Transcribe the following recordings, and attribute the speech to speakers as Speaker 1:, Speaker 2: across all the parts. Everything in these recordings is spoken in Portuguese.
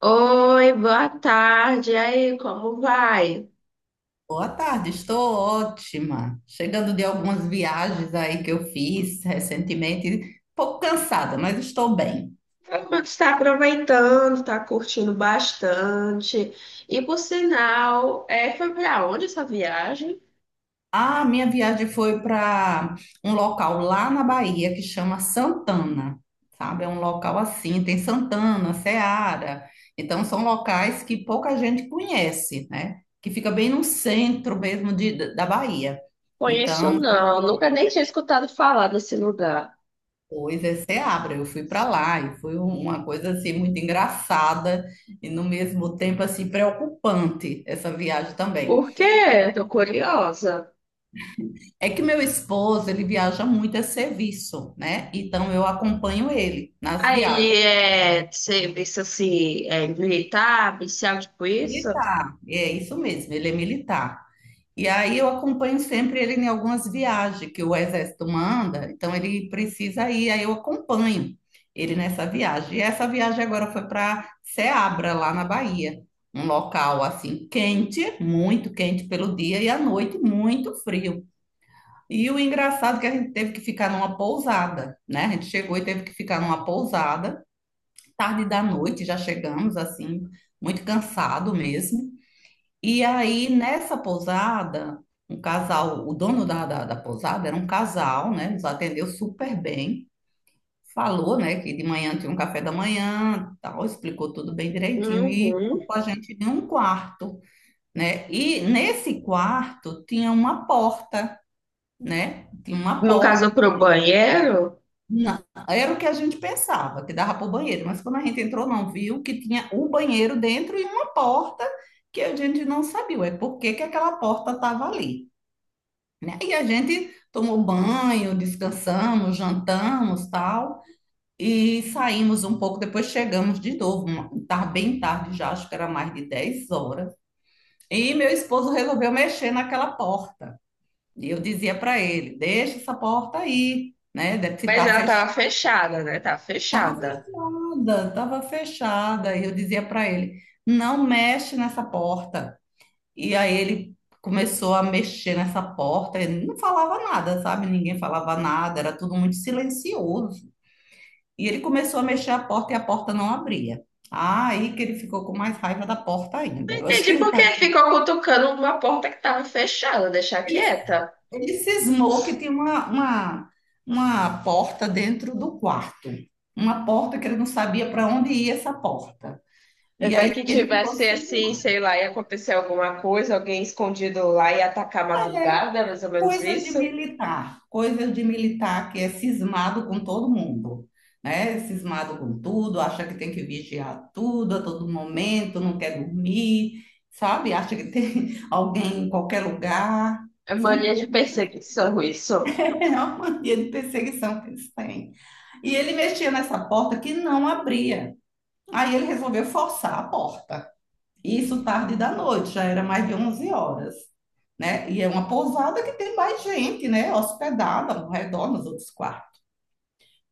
Speaker 1: Oi, boa tarde. E aí, como vai?
Speaker 2: Boa tarde, estou ótima. Chegando de algumas viagens aí que eu fiz recentemente, um pouco cansada, mas estou bem.
Speaker 1: Como é que está aproveitando? Está curtindo bastante. E por sinal, foi para onde essa viagem?
Speaker 2: A minha viagem foi para um local lá na Bahia que chama Santana, sabe? É um local assim, tem Santana, Seara. Então são locais que pouca gente conhece, né? Que fica bem no centro mesmo da Bahia.
Speaker 1: Conheço
Speaker 2: Então,
Speaker 1: não, nunca nem tinha escutado falar desse lugar.
Speaker 2: Pois é, Seabra, eu fui para lá e foi uma coisa assim muito engraçada e no mesmo tempo assim preocupante essa viagem também.
Speaker 1: Por quê? Tô curiosa.
Speaker 2: É que meu esposo, ele viaja muito a serviço, né? Então eu acompanho ele nas
Speaker 1: Aí
Speaker 2: viagens.
Speaker 1: ele é serviço assim, é militar, policial, tipo isso?
Speaker 2: Militar, é isso mesmo, ele é militar. E aí eu acompanho sempre ele em algumas viagens que o exército manda, então ele precisa ir, aí eu acompanho ele nessa viagem. E essa viagem agora foi para Seabra, lá na Bahia, um local assim quente, muito quente pelo dia e à noite muito frio. E o engraçado é que a gente teve que ficar numa pousada, né? A gente chegou e teve que ficar numa pousada, tarde da noite já chegamos assim, muito cansado mesmo. E aí, nessa pousada, um casal, o dono da pousada era um casal, né? Nos atendeu super bem. Falou, né, que de manhã tinha um café da manhã, tal, explicou tudo bem direitinho e
Speaker 1: Uhum.
Speaker 2: colocou a gente em um quarto, né? E nesse quarto tinha uma porta, né? Tinha uma
Speaker 1: No
Speaker 2: porta.
Speaker 1: caso, pro banheiro,
Speaker 2: na- Era o que a gente pensava, que dava para o banheiro, mas quando a gente entrou, não viu que tinha o banheiro dentro e uma porta que a gente não sabia, é por que que aquela porta estava ali, né? E a gente tomou banho, descansamos, jantamos, tal, e saímos um pouco, depois chegamos de novo, tá bem tarde já, acho que era mais de 10 horas. E meu esposo resolveu mexer naquela porta. E eu dizia para ele: "Deixa essa porta aí, né? Deve se
Speaker 1: mas
Speaker 2: tá
Speaker 1: ela
Speaker 2: fechada.
Speaker 1: tava fechada, né? Tava
Speaker 2: Tava
Speaker 1: fechada.
Speaker 2: fechada, tava fechada". E eu dizia para ele: "Não mexe nessa porta". E aí ele começou a mexer nessa porta, ele não falava nada, sabe? Ninguém falava nada, era tudo muito silencioso. E ele começou a mexer a porta e a porta não abria. Aí que ele ficou com mais raiva da porta ainda. Eu acho
Speaker 1: Entendi
Speaker 2: que
Speaker 1: por que ficou cutucando uma porta que estava fechada, deixar
Speaker 2: ele,
Speaker 1: quieta.
Speaker 2: ele cismou que tinha uma porta dentro do quarto. Uma porta que ele não sabia para onde ia essa porta. E
Speaker 1: Vai
Speaker 2: aí
Speaker 1: que
Speaker 2: ele ficou
Speaker 1: tivesse assim,
Speaker 2: cismado.
Speaker 1: sei lá, ia acontecer alguma coisa, alguém escondido lá e atacar a madrugada, mais ou menos isso.
Speaker 2: Coisas de militar que é cismado com todo mundo, né? É cismado com tudo, acha que tem que vigiar tudo a todo momento, não quer dormir, sabe? Acha que tem alguém em qualquer lugar.
Speaker 1: É
Speaker 2: São
Speaker 1: mania de
Speaker 2: coisas,
Speaker 1: perseguição isso.
Speaker 2: é uma mania de perseguição que eles têm. E ele mexia nessa porta que não abria. Aí ele resolveu forçar a porta. Isso tarde da noite, já era mais de 23 horas, né? E é uma pousada que tem mais gente, né? Hospedada ao redor nos outros quartos.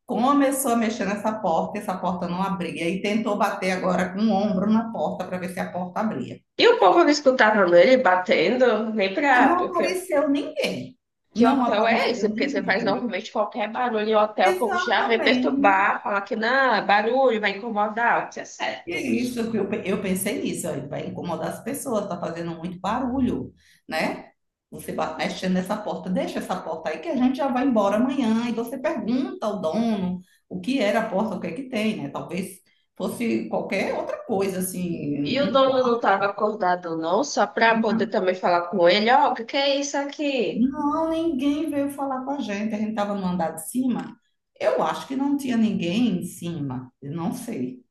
Speaker 2: Começou a mexer nessa porta, essa porta não abria, e tentou bater agora com o ombro na porta para ver se a porta abria.
Speaker 1: E o povo não escutava nele batendo, nem
Speaker 2: Mas
Speaker 1: pra.
Speaker 2: não
Speaker 1: Porque...
Speaker 2: apareceu ninguém.
Speaker 1: Que
Speaker 2: Não
Speaker 1: hotel é esse?
Speaker 2: apareceu
Speaker 1: Porque você faz
Speaker 2: ninguém.
Speaker 1: normalmente qualquer barulho em hotel, como já vem
Speaker 2: Exatamente.
Speaker 1: perturbar, falar que não, é barulho vai incomodar, o que é
Speaker 2: E é
Speaker 1: certo.
Speaker 2: isso, que eu pensei nisso, ó, vai incomodar as pessoas, tá fazendo muito barulho, né? Você vai mexendo nessa porta, deixa essa porta aí que a gente já vai embora amanhã. E você pergunta ao dono o que era a porta, o que é que tem, né? Talvez fosse qualquer outra coisa, assim,
Speaker 1: E o
Speaker 2: um
Speaker 1: dono não
Speaker 2: quarto.
Speaker 1: estava acordado, não, só para poder
Speaker 2: Não,
Speaker 1: também falar com ele, ó, o que que é isso aqui?
Speaker 2: não, ninguém veio falar com a gente. A gente estava no andar de cima. Eu acho que não tinha ninguém em cima, eu não sei.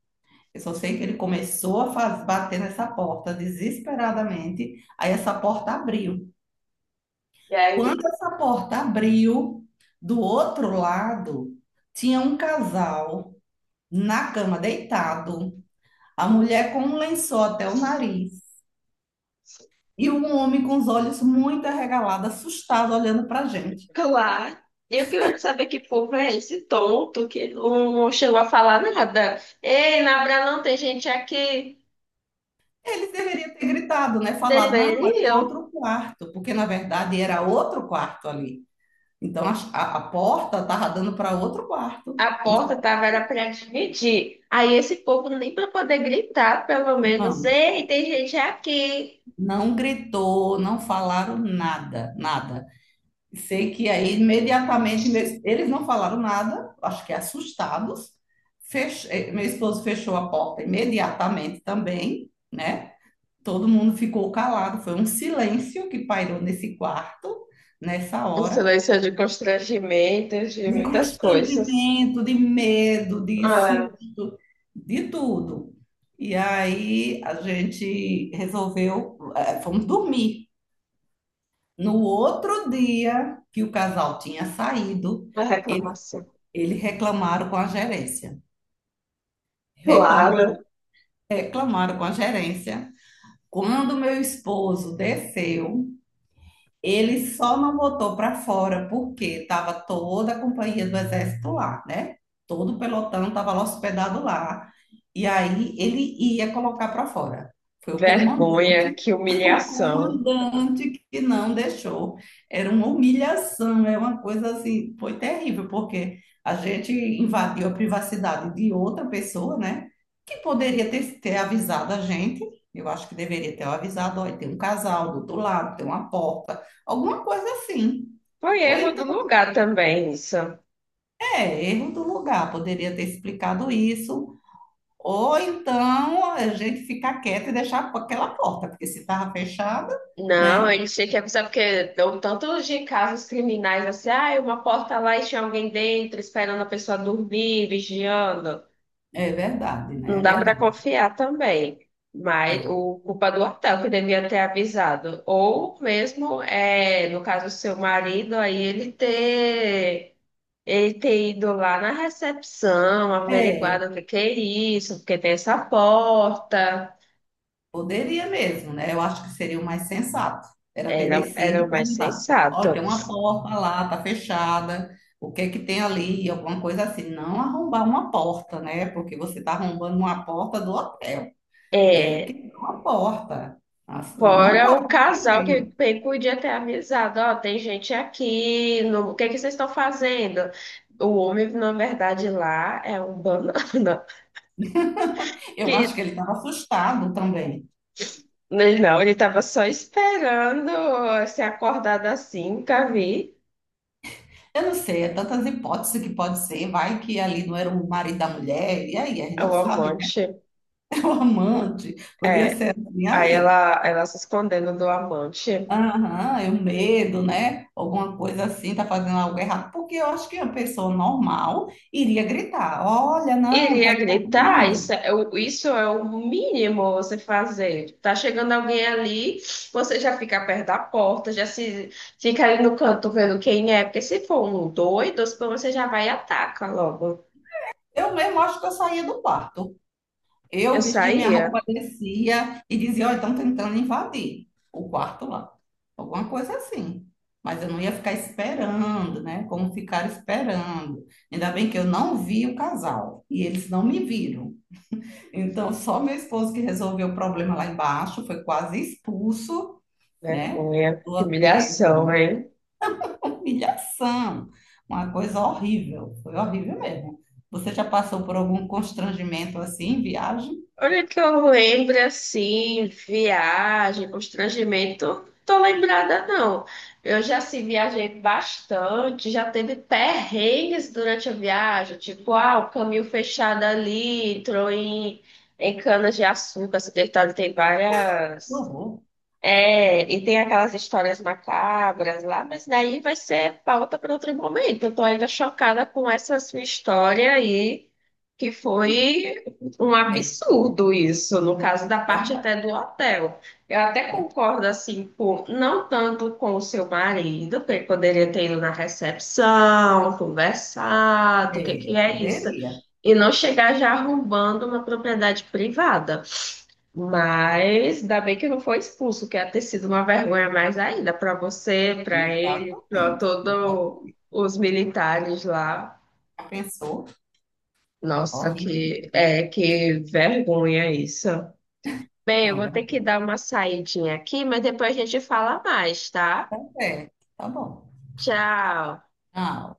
Speaker 2: Eu só sei que ele começou a bater nessa porta desesperadamente. Aí essa porta abriu.
Speaker 1: E aí,
Speaker 2: Quando essa porta abriu, do outro lado tinha um casal na cama deitado, a mulher com um lençol até o nariz e um homem com os olhos muito arregalados, assustado, olhando para a gente.
Speaker 1: claro. Eu queria saber que povo é esse tonto que não chegou a falar nada. Ei, na Abra não tem gente aqui.
Speaker 2: Eles deveriam ter gritado, né? Falado, não, aqui é
Speaker 1: Deveriam.
Speaker 2: outro quarto, porque na verdade era outro quarto ali. Então a porta estava dando para outro quarto.
Speaker 1: A
Speaker 2: Um
Speaker 1: porta tava era para dividir. Aí esse povo nem para poder gritar, pelo menos.
Speaker 2: não,
Speaker 1: Ei, tem gente aqui.
Speaker 2: não gritou, não falaram nada, nada. Sei que aí imediatamente eles não falaram nada, acho que assustados. Meu esposo fechou a porta imediatamente também, né? Todo mundo ficou calado, foi um silêncio que pairou nesse quarto nessa
Speaker 1: Um
Speaker 2: hora,
Speaker 1: silêncio de constrangimento, de
Speaker 2: de
Speaker 1: muitas coisas.
Speaker 2: constrangimento, de medo, de
Speaker 1: Ah,
Speaker 2: susto, de tudo. E aí a gente resolveu, fomos dormir. No outro dia que o casal tinha saído,
Speaker 1: uma
Speaker 2: ele-
Speaker 1: reclamação.
Speaker 2: eles reclamaram com a gerência. Reclam-
Speaker 1: Claro,
Speaker 2: reclamaram com a gerência. Quando meu esposo desceu, ele só não botou para fora porque estava toda a companhia do exército lá, né? Todo o pelotão estava lá hospedado lá. E aí ele ia colocar para fora. Foi o
Speaker 1: vergonha,
Speaker 2: comandante,
Speaker 1: que
Speaker 2: o
Speaker 1: humilhação.
Speaker 2: comandante que não deixou. Era uma humilhação, é uma coisa assim, foi terrível, porque a gente invadiu a privacidade de outra pessoa, né? Que poderia ter avisado a gente. Eu acho que deveria ter avisado, olha, tem um casal do outro lado, tem uma porta. Alguma coisa assim.
Speaker 1: Foi
Speaker 2: Ou
Speaker 1: erro do
Speaker 2: então,
Speaker 1: lugar também, isso.
Speaker 2: erro do lugar, poderia ter explicado isso. Ou então a gente ficar quieto e deixar a aquela porta, porque se estava fechada,
Speaker 1: Não,
Speaker 2: né?
Speaker 1: ele tinha que avisar, porque deu tantos de casos criminais assim, ah, uma porta lá e tinha alguém dentro, esperando a pessoa dormir, vigiando.
Speaker 2: É verdade,
Speaker 1: Não
Speaker 2: né? É
Speaker 1: dá para
Speaker 2: verdade.
Speaker 1: confiar também. Mas
Speaker 2: Não.
Speaker 1: o culpa do hotel que devia ter avisado. Ou mesmo, é, no caso, seu marido, aí ele ter ele ter ido lá na recepção,
Speaker 2: É,
Speaker 1: averiguado o que que é isso, porque tem essa porta.
Speaker 2: poderia mesmo, né? Eu acho que seria o mais sensato. Era ter
Speaker 1: Era,
Speaker 2: descido
Speaker 1: era
Speaker 2: e
Speaker 1: o mais
Speaker 2: perguntado: olha,
Speaker 1: sensato.
Speaker 2: tem uma porta lá, tá fechada, o que é que tem ali? Alguma coisa assim. Não arrombar uma porta, né? Porque você está arrombando uma porta do hotel. E aí
Speaker 1: É,
Speaker 2: quebrou a porta. Assim, não
Speaker 1: fora
Speaker 2: cobrou
Speaker 1: o casal que
Speaker 2: também.
Speaker 1: bem podia ter avisado, ó, tem gente aqui, no- o que que vocês estão fazendo? O homem, na verdade, lá é um banana.
Speaker 2: Eu acho que
Speaker 1: Que,
Speaker 2: ele estava assustado também.
Speaker 1: ele não, ele estava só esperando ser acordado assim, nunca vi
Speaker 2: Eu não sei, é tantas hipóteses que pode ser. Vai que ali não era o marido da mulher. E aí, a gente
Speaker 1: o
Speaker 2: não sabe, né?
Speaker 1: amante.
Speaker 2: O amante. Podia
Speaker 1: É,
Speaker 2: ser assim.
Speaker 1: aí
Speaker 2: Aí,
Speaker 1: ela se escondendo do amante.
Speaker 2: aham, eu medo, né? Alguma coisa assim, tá fazendo algo errado. Porque eu acho que uma pessoa normal iria gritar: olha, não, tá
Speaker 1: Iria gritar,
Speaker 2: invadindo.
Speaker 1: isso é o mínimo você fazer. Tá chegando alguém ali, você já fica perto da porta, já se fica ali no canto vendo quem é, porque se for um doido, você já vai e ataca logo.
Speaker 2: Eu mesmo acho que eu saía do quarto. Eu
Speaker 1: Eu
Speaker 2: vestia minha
Speaker 1: saía,
Speaker 2: roupa, descia e dizia, ó, estão tentando invadir o quarto lá. Alguma coisa assim. Mas eu não ia ficar esperando, né? Como ficar esperando. Ainda bem que eu não vi o casal e eles não me viram. Então, só meu esposo que resolveu o problema lá embaixo, foi quase expulso, né?
Speaker 1: vergonha,
Speaker 2: Do
Speaker 1: que
Speaker 2: hotel. Foi
Speaker 1: humilhação,
Speaker 2: uma
Speaker 1: hein?
Speaker 2: humilhação, uma coisa horrível. Foi horrível mesmo. Você já passou por algum constrangimento assim em viagem?
Speaker 1: Olha que eu lembro assim, viagem, constrangimento, tô lembrada não. Eu já se viajei bastante, já teve perrengues durante a viagem, tipo, ah, o caminho fechado ali, em cana de açúcar, essa detalhe tem
Speaker 2: Que
Speaker 1: várias.
Speaker 2: horror.
Speaker 1: É, e tem aquelas histórias macabras lá, mas daí vai ser pauta para outro momento. Eu tô ainda chocada com essa sua história aí, que foi um
Speaker 2: É,
Speaker 1: absurdo isso, no caso da parte
Speaker 2: né?
Speaker 1: até do hotel. Eu até
Speaker 2: Né?
Speaker 1: concordo, assim, com, não tanto com o seu marido, que ele poderia ter ido na recepção, conversado, o que que
Speaker 2: É,
Speaker 1: é isso,
Speaker 2: poderia.
Speaker 1: e não chegar já arrombando uma propriedade privada. Mas ainda bem que não foi expulso, que ia ter sido uma vergonha mais ainda para você, para ele, para
Speaker 2: Exatamente,
Speaker 1: todos
Speaker 2: exatamente.
Speaker 1: os militares lá.
Speaker 2: Já pensou?
Speaker 1: Nossa,
Speaker 2: Horrível
Speaker 1: que
Speaker 2: mesmo.
Speaker 1: é que vergonha isso. Bem, eu
Speaker 2: Não, é
Speaker 1: vou ter que
Speaker 2: verdade.
Speaker 1: dar uma saidinha aqui, mas depois a gente fala mais, tá?
Speaker 2: É, tá bom.
Speaker 1: Tchau.
Speaker 2: Ah,